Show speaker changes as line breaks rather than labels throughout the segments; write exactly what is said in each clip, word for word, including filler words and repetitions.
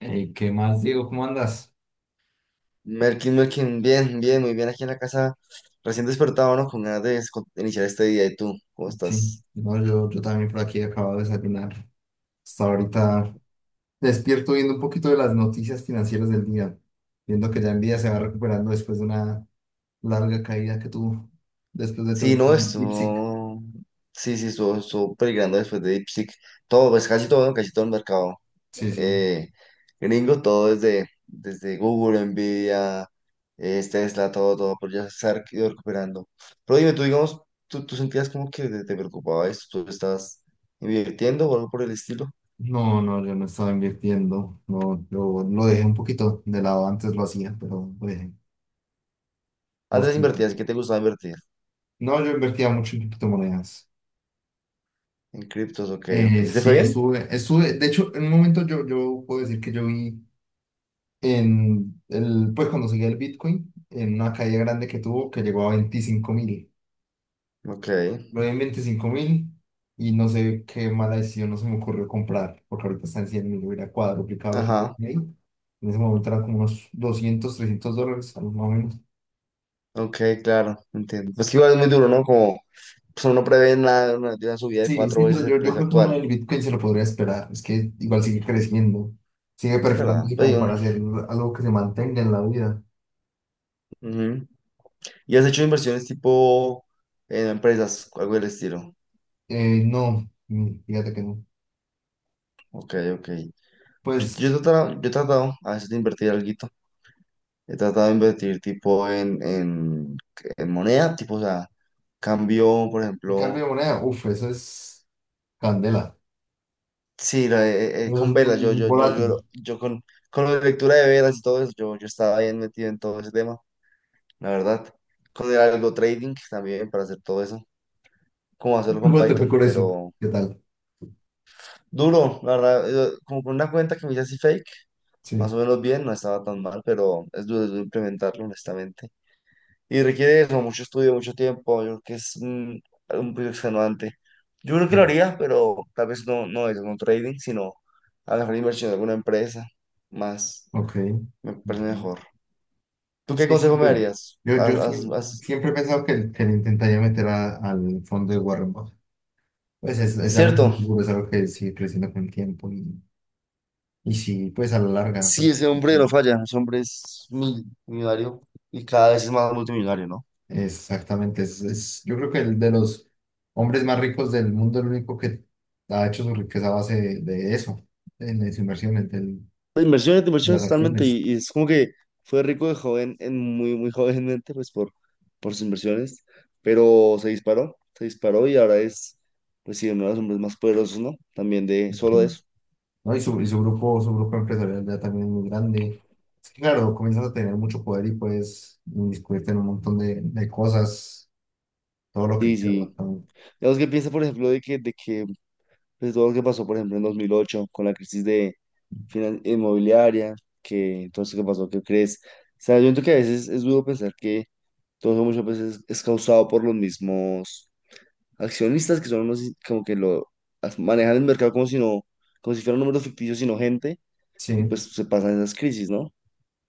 Eh, ¿qué más, Diego? ¿Cómo andas?
Merkin, Merkin, bien, bien, muy bien aquí en la casa, recién despertado, ¿no? Con ganas de es- con- iniciar este día. ¿Y tú? ¿Cómo
Sí,
estás?
no, yo, yo también por aquí acabo de desayunar. Hasta ahorita despierto viendo un poquito de las noticias financieras del día, viendo que ya el día se va recuperando después de una larga caída que tuvo, después de todo
Sí,
el
no,
DeepSeek.
estuvo, sí, sí, estuvo, estuvo peligrando después de DeepSeek. Todo, pues casi todo, ¿no? Casi todo el mercado
Sí, sí.
eh, gringo, todo desde, desde Google, Nvidia, eh, Tesla, todo, todo, pero ya se ha ido recuperando. Pero dime, tú, digamos, tú, tú sentías como que te, te preocupaba esto, tú estabas invirtiendo o algo por el estilo.
No, no, yo no estaba invirtiendo. No, yo lo dejé un poquito de lado, antes lo hacía, pero lo dejé. ¿Vos
Antes
qué?
invertías, ¿qué te gustaba invertir?
No, yo invertía mucho en criptomonedas.
En criptos, ok, ok.
Eh,
¿Te
sí,
fue bien?
estuve, estuve, de hecho, en un momento yo, yo puedo decir que yo vi en el, pues cuando seguía el Bitcoin, en una caída grande que tuvo que llegó a veinticinco mil.
Ok,
Lo vi en veinticinco mil y no sé qué mala decisión no se me ocurrió comprar, porque ahorita está en cien mil, hubiera cuadruplicado lo que
ajá,
tenía ahí. En ese momento eran como unos doscientos trescientos dólares, algo más o menos.
ok, claro, entiendo. Pues que igual es muy duro, ¿no? Como pues uno no prevé nada, una, de una subida de
Sí,
cuatro
sí,
veces
pero
el
yo, yo
precio
creo que uno
actual.
del Bitcoin se lo podría esperar. Es que igual sigue creciendo, sigue
Es verdad,
perfilándose
pues,
como
yo,
para hacer algo que se mantenga en la vida.
ujú. ¿Y has hecho inversiones tipo en empresas, algo del estilo?
Eh, no, mm, fíjate que no.
Ok, ok. Yo, yo, he
Pues,
tratado, yo he tratado a veces de invertir alguito. He tratado de invertir tipo en, en, en moneda, tipo, o sea, cambio, por
y cambio
ejemplo.
de moneda, uff, eso es. Candela.
Sí, no, eh, eh,
No es
con velas, yo,
muy
yo, yo, yo,
volátil.
yo con, con la lectura de velas y todo eso, yo, yo estaba bien metido en todo ese tema, la verdad. Con el algo trading también para hacer todo eso, como hacerlo con
¿Cómo te fue
Python,
con eso?
pero
¿Qué tal?
duro, la verdad, eh, como con una cuenta que me hice así fake, más o
Sí,
menos bien, no estaba tan mal, pero es duro, es duro implementarlo, honestamente. Y requiere eso, mucho estudio, mucho tiempo, yo creo que es un, un proyecto extenuante. Yo creo que lo
bien.
haría, pero tal vez no, no es un trading, sino a la mejor inversión de alguna empresa, más.
Ok.
Me parece
Entiendo.
mejor. ¿Tú qué
Sí, sí,
consejo me
yo,
darías?
yo, yo
Haz- haz-
sie-
haz-
siempre he pensado que, que le intentaría meter a- al fondo de Warren Buffett. Pues es, es algo muy
Cierto.
seguro, es algo que sigue creciendo con el tiempo y, y sí, pues a la larga.
Sí, ese hombre no falla. Ese hombre es mil- millonario y cada vez es más multimillonario, ¿no?
Exactamente. Es, es- yo creo que el de los hombres más ricos del mundo, el único que ha hecho su riqueza a base de, de eso, de, de su inversión, de, de
Inversiones,
las
inversiones totalmente.
acciones.
Y, y es como que fue rico de joven, en muy, muy jovenmente, pues por, por sus inversiones. Pero se disparó, se disparó y ahora es, pues sí, uno de los hombres más poderosos, ¿no? También de solo de eso.
¿No? Y su, y su grupo, su grupo empresarial ya también es muy grande. Es que, claro, comienzas a tener mucho poder y puedes inmiscuirte en un montón de, de cosas, todo lo que
Sí,
quieras,
sí.
básicamente.
Digamos que piensa, por ejemplo, de que, de que pues todo lo que pasó, por ejemplo, en dos mil ocho con la crisis de finan- inmobiliaria, que todo eso que pasó, ¿qué crees? O sea, yo siento que a veces es duro pensar que todo eso muchas veces es causado por los mismos accionistas que son unos i- como que lo as- manejan el mercado como si no, como si fueran números ficticios, sino gente, y
Sí,
pues se pasan esas crisis, ¿no?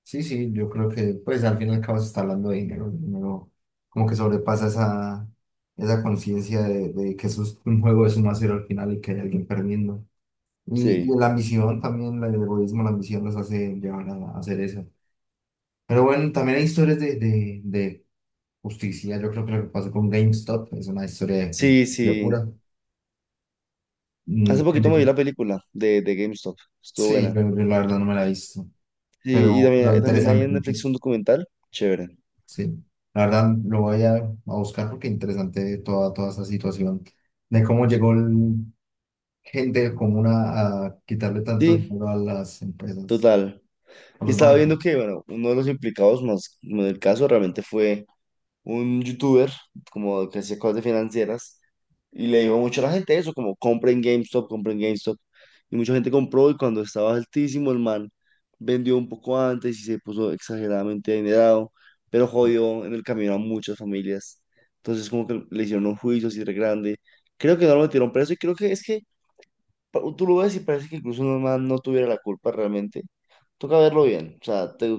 sí, sí, yo creo que pues al fin y al cabo se está hablando de dinero, el dinero como que sobrepasa esa, esa conciencia de, de que eso es un juego de suma cero al final y que hay alguien perdiendo. Y, y
Sí,
la ambición también, la- el egoísmo, la ambición los hace llevar a, a hacer eso. Pero bueno, también hay historias de, de, de justicia. Yo creo que lo que pasó con GameStop es una historia de,
sí,
de
sí.
pura. Mm,
Hace poquito me vi la película de, de GameStop, estuvo
sí,
buena.
pero yo la verdad no me la he visto.
Sí, y
Pero
también,
lo
eh, también hay
interesante,
en Netflix
ent-
un documental, chévere.
sí. La verdad lo voy a, a buscar porque interesante toda, toda esa situación de cómo llegó el- gente común a, a quitarle tanto
Sí,
dinero a las empresas,
total.
a
Y
los
estaba viendo
bancos.
que, bueno, uno de los implicados más en el caso realmente fue un youtuber, como que hacía cosas de financieras, y le dijo mucho a la gente eso, como compren GameStop, compren GameStop. Y mucha gente compró y cuando estaba altísimo el man vendió un poco antes y se puso exageradamente adinerado, pero jodió en el camino a muchas familias. Entonces como que le hicieron un juicio así de grande. Creo que no lo metieron preso y creo que es que pa- tú lo ves y parece que incluso el man no tuviera la culpa realmente, toca verlo bien. O sea, te-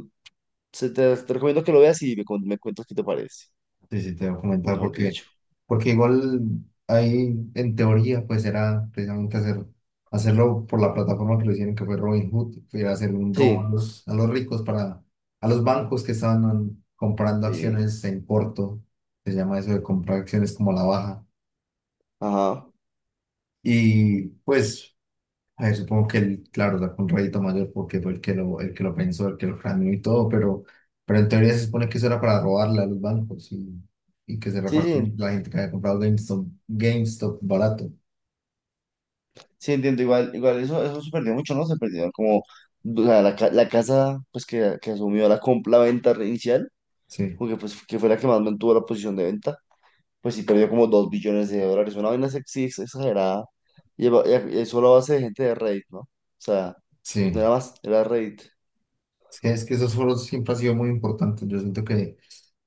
se- te, te recomiendo que lo veas y me, cuen- me cuentas qué te parece,
Sí, sí, te voy a comentar
mejor
porque,
dicho.
porque igual ahí en teoría pues era precisamente hacer, hacerlo por la plataforma que lo hicieron, que fue Robinhood, que era hacer un robo a
Sí,
los, a los ricos, para, a los bancos que estaban comprando
sí,
acciones en corto. Se llama eso de comprar acciones como a la baja.
ajá.
Y pues a ver, supongo que él, claro, sacó un rédito mayor porque fue el que lo, el que lo pensó, el que lo planeó y todo, pero, pero en teoría se supone que eso era para robarle a los bancos y, y que se
Sí,
repartieran
sí,
la gente que había comprado GameStop, GameStop barato.
sí, entiendo. Igual, igual eso, eso se perdió mucho, ¿no? Se perdieron como, o sea, la, ca- la casa pues que, que asumió la, comp- la venta inicial,
Sí,
porque pues que fue la que más mantuvo la posición de venta, pues sí perdió como dos billones de dólares. Una vaina sexy exagerada. Y, eva- y a- y eso a base de gente de Reddit, ¿no? O sea, no era
sí.
más, era Reddit.
Es que, es que esos foros siempre han sido muy importantes. Yo siento que,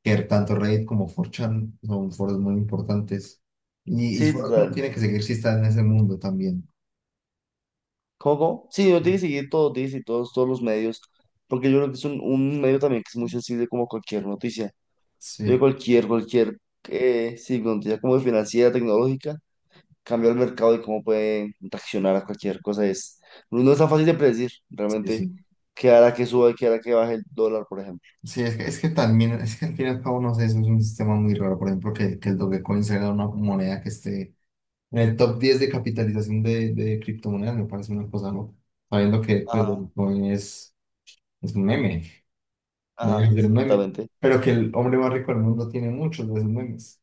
que tanto Reddit como cuatro chan son foros muy importantes. Y, y
Sí,
foros que uno
total.
tiene que seguir si está en ese mundo también.
Coco, sí, yo tiene que seguir todo, tiene que seguir todos, todos los medios, porque yo creo que es un, un medio también que es muy sensible como cualquier noticia. Yo
Sí,
cualquier, cualquier, eh, sí, noticia como financiera, tecnológica, cambia el mercado y cómo puede reaccionar a cualquier cosa. Es, no no es tan fácil de predecir
sí,
realmente
sí.
qué hará que suba y qué hará que baje el dólar, por ejemplo.
Sí, es que, es que también, es que al fin y al cabo, no sé, eso es un sistema muy raro, por ejemplo, que, que el Dogecoin sea una moneda que esté en el top diez de capitalización de, de criptomonedas, me parece una cosa, ¿no? Sabiendo que el
Ajá,
Dogecoin es, es un meme, no es
ajá,
un
sí,
meme,
exactamente.
pero que el hombre más rico del mundo tiene muchos de esos memes.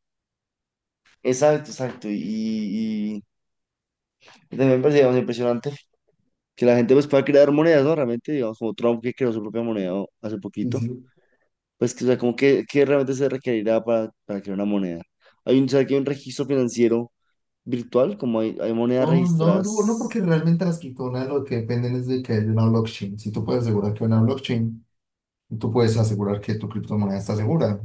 Exacto, exacto. Y, y, y también me parece, digamos, impresionante que la gente pues pueda crear monedas, ¿no? Realmente, digamos, como Trump que creó su propia moneda hace
Sí,
poquito.
sí.
Pues que, o sea, como que, que realmente se requerirá para, para crear una moneda. Hay un, ¿sabes que hay un registro financiero virtual? Como hay, hay monedas
No, no, no, no, porque
registradas.
realmente las criptomonedas lo que dependen es de que haya una blockchain. Si tú puedes asegurar que hay una blockchain, tú puedes asegurar que tu criptomoneda está segura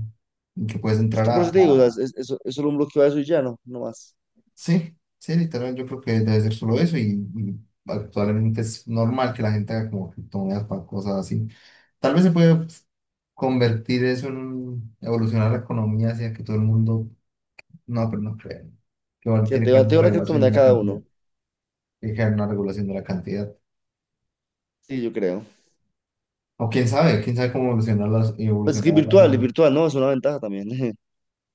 y que puedes
Pues,
entrar
por
a,
eso te digo, o sea, es,
a
es- es solo un bloqueo de eso y ya, no, no más.
Sí, sí, literal, yo creo que debe ser solo eso y, y actualmente es normal que la gente haga como criptomonedas para cosas así. Tal vez se puede, pues, convertir eso en un- evolucionar la economía hacia que todo el mundo, no, pero no creo, que igual
Que
tiene
te,
que
va-
haber
te va
una
una
regulación de
criptomoneda
la
cada
cantidad,
uno.
tiene que haber una regulación de la cantidad.
Sí, yo creo.
O quién sabe, quién sabe cómo evolucionar las,
Pues es que
evolucionar
es
la
virtual, es
sociedad.
virtual, ¿no? Es una ventaja también,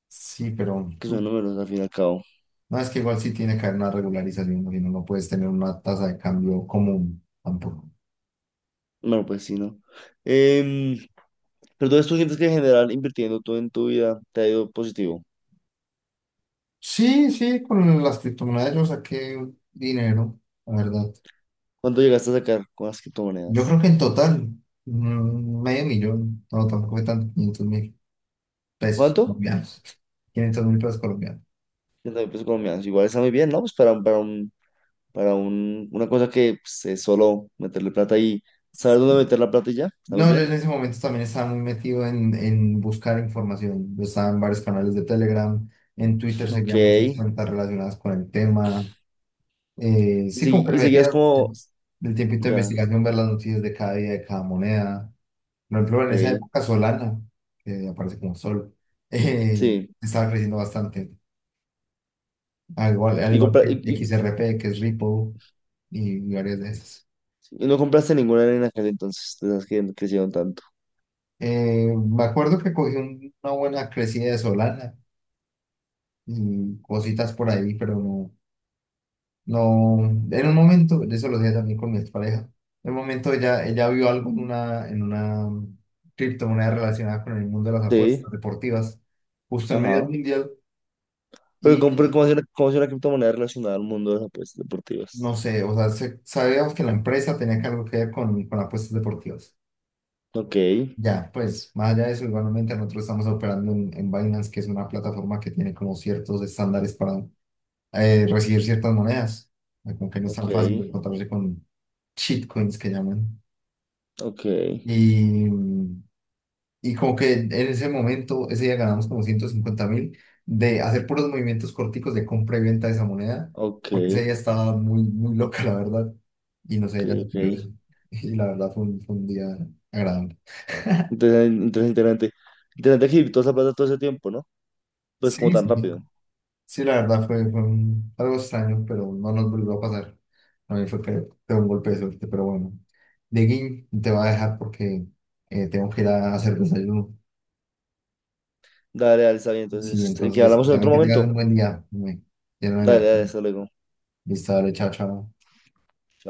Sí, pero
que son números al fin y al cabo.
no, es que igual sí tiene que haber una regularización, porque si no, no puedes tener una tasa de cambio común tampoco.
Bueno, pues sí, ¿no? Em, pero entonces tú sientes que en general invirtiendo todo en tu vida te ha ido positivo.
Sí, sí, con las criptomonedas yo saqué dinero, la verdad.
¿Cuánto llegaste a sacar con las
Yo
criptomonedas?
creo que en total, mm, medio millón, no, tampoco fue tanto, quinientos mil pesos
¿Cuánto?
colombianos. Quinientos mil pesos colombianos.
30 mil pesos colombianos. Igual está muy bien, ¿no? Pues para, un- para un para un, una cosa que pues, es solo meterle plata y saber dónde meter la plata y ya, está muy
No, yo
bien.
en ese momento también estaba muy metido en, en buscar información. Yo estaba en varios canales de Telegram, en Twitter
Ok.
seguía muchas
Y,
cuentas relacionadas con el tema. Eh, sí, como
segui-
que le
y
metía
seguías como,
el tiempito de
ya,
investigación, ver las noticias de cada día, de cada moneda. Por ejemplo, en esa
ok,
época Solana, que aparece como Sol, eh,
sí.
estaba creciendo bastante. Al igual, al
Y,
igual
compra-
que
y, y-
X R P, que es Ripple, y varias de esas.
y no compraste ninguna arena en aquel entonces, de esas que crecieron tanto.
Eh, me acuerdo que cogí un- una buena crecida de Solana y cositas por ahí, pero no, no, en un momento, de eso lo dije también con mi expareja. En un momento ella, ella vio algo en una, en una criptomoneda relacionada con el mundo de las apuestas
Sí,
deportivas, justo en medio del
ajá.
mundial,
Pero compré
y
como si una, como si una criptomoneda relacionada al mundo de las apuestas deportivas.
no sé, o sea, se- sabíamos que la empresa tenía que algo que ver con, con apuestas deportivas.
Ok,
Ya, pues, más allá de eso, igualmente nosotros estamos operando en, en Binance, que es una plataforma que tiene como ciertos estándares para eh, recibir ciertas monedas, eh, como que no es
ok,
tan fácil de encontrarse con shitcoins, que llaman.
ok,
Y, Y como que en ese momento, ese día ganamos como ciento cincuenta mil de hacer puros movimientos corticos de compra y venta de esa moneda,
ok,
porque ese día estaba muy, muy loca, la verdad. Y no
ok,
sé, ella se
ok.
pilló eso. Y la verdad fue un, fue un día agradable.
Entonces, interesante. Interesante que toda esa plata todo ese tiempo, ¿no? Pues como
Sí,
tan
sí,
rápido.
sí, la verdad fue, fue un- algo extraño, pero no nos volvió a pasar. A mí fue que fue un golpe de suerte, pero bueno. Dieguín, te va a dejar porque eh, tengo que ir a hacer desayuno.
Dale, dale, está bien.
Sí,
Entonces, aquí
entonces,
hablamos en
también
otro
que tengas
momento.
un buen día. Me- Ya no
Dale,
me-
dale, hasta luego.
Listo, dale, chao, chao.
Chao.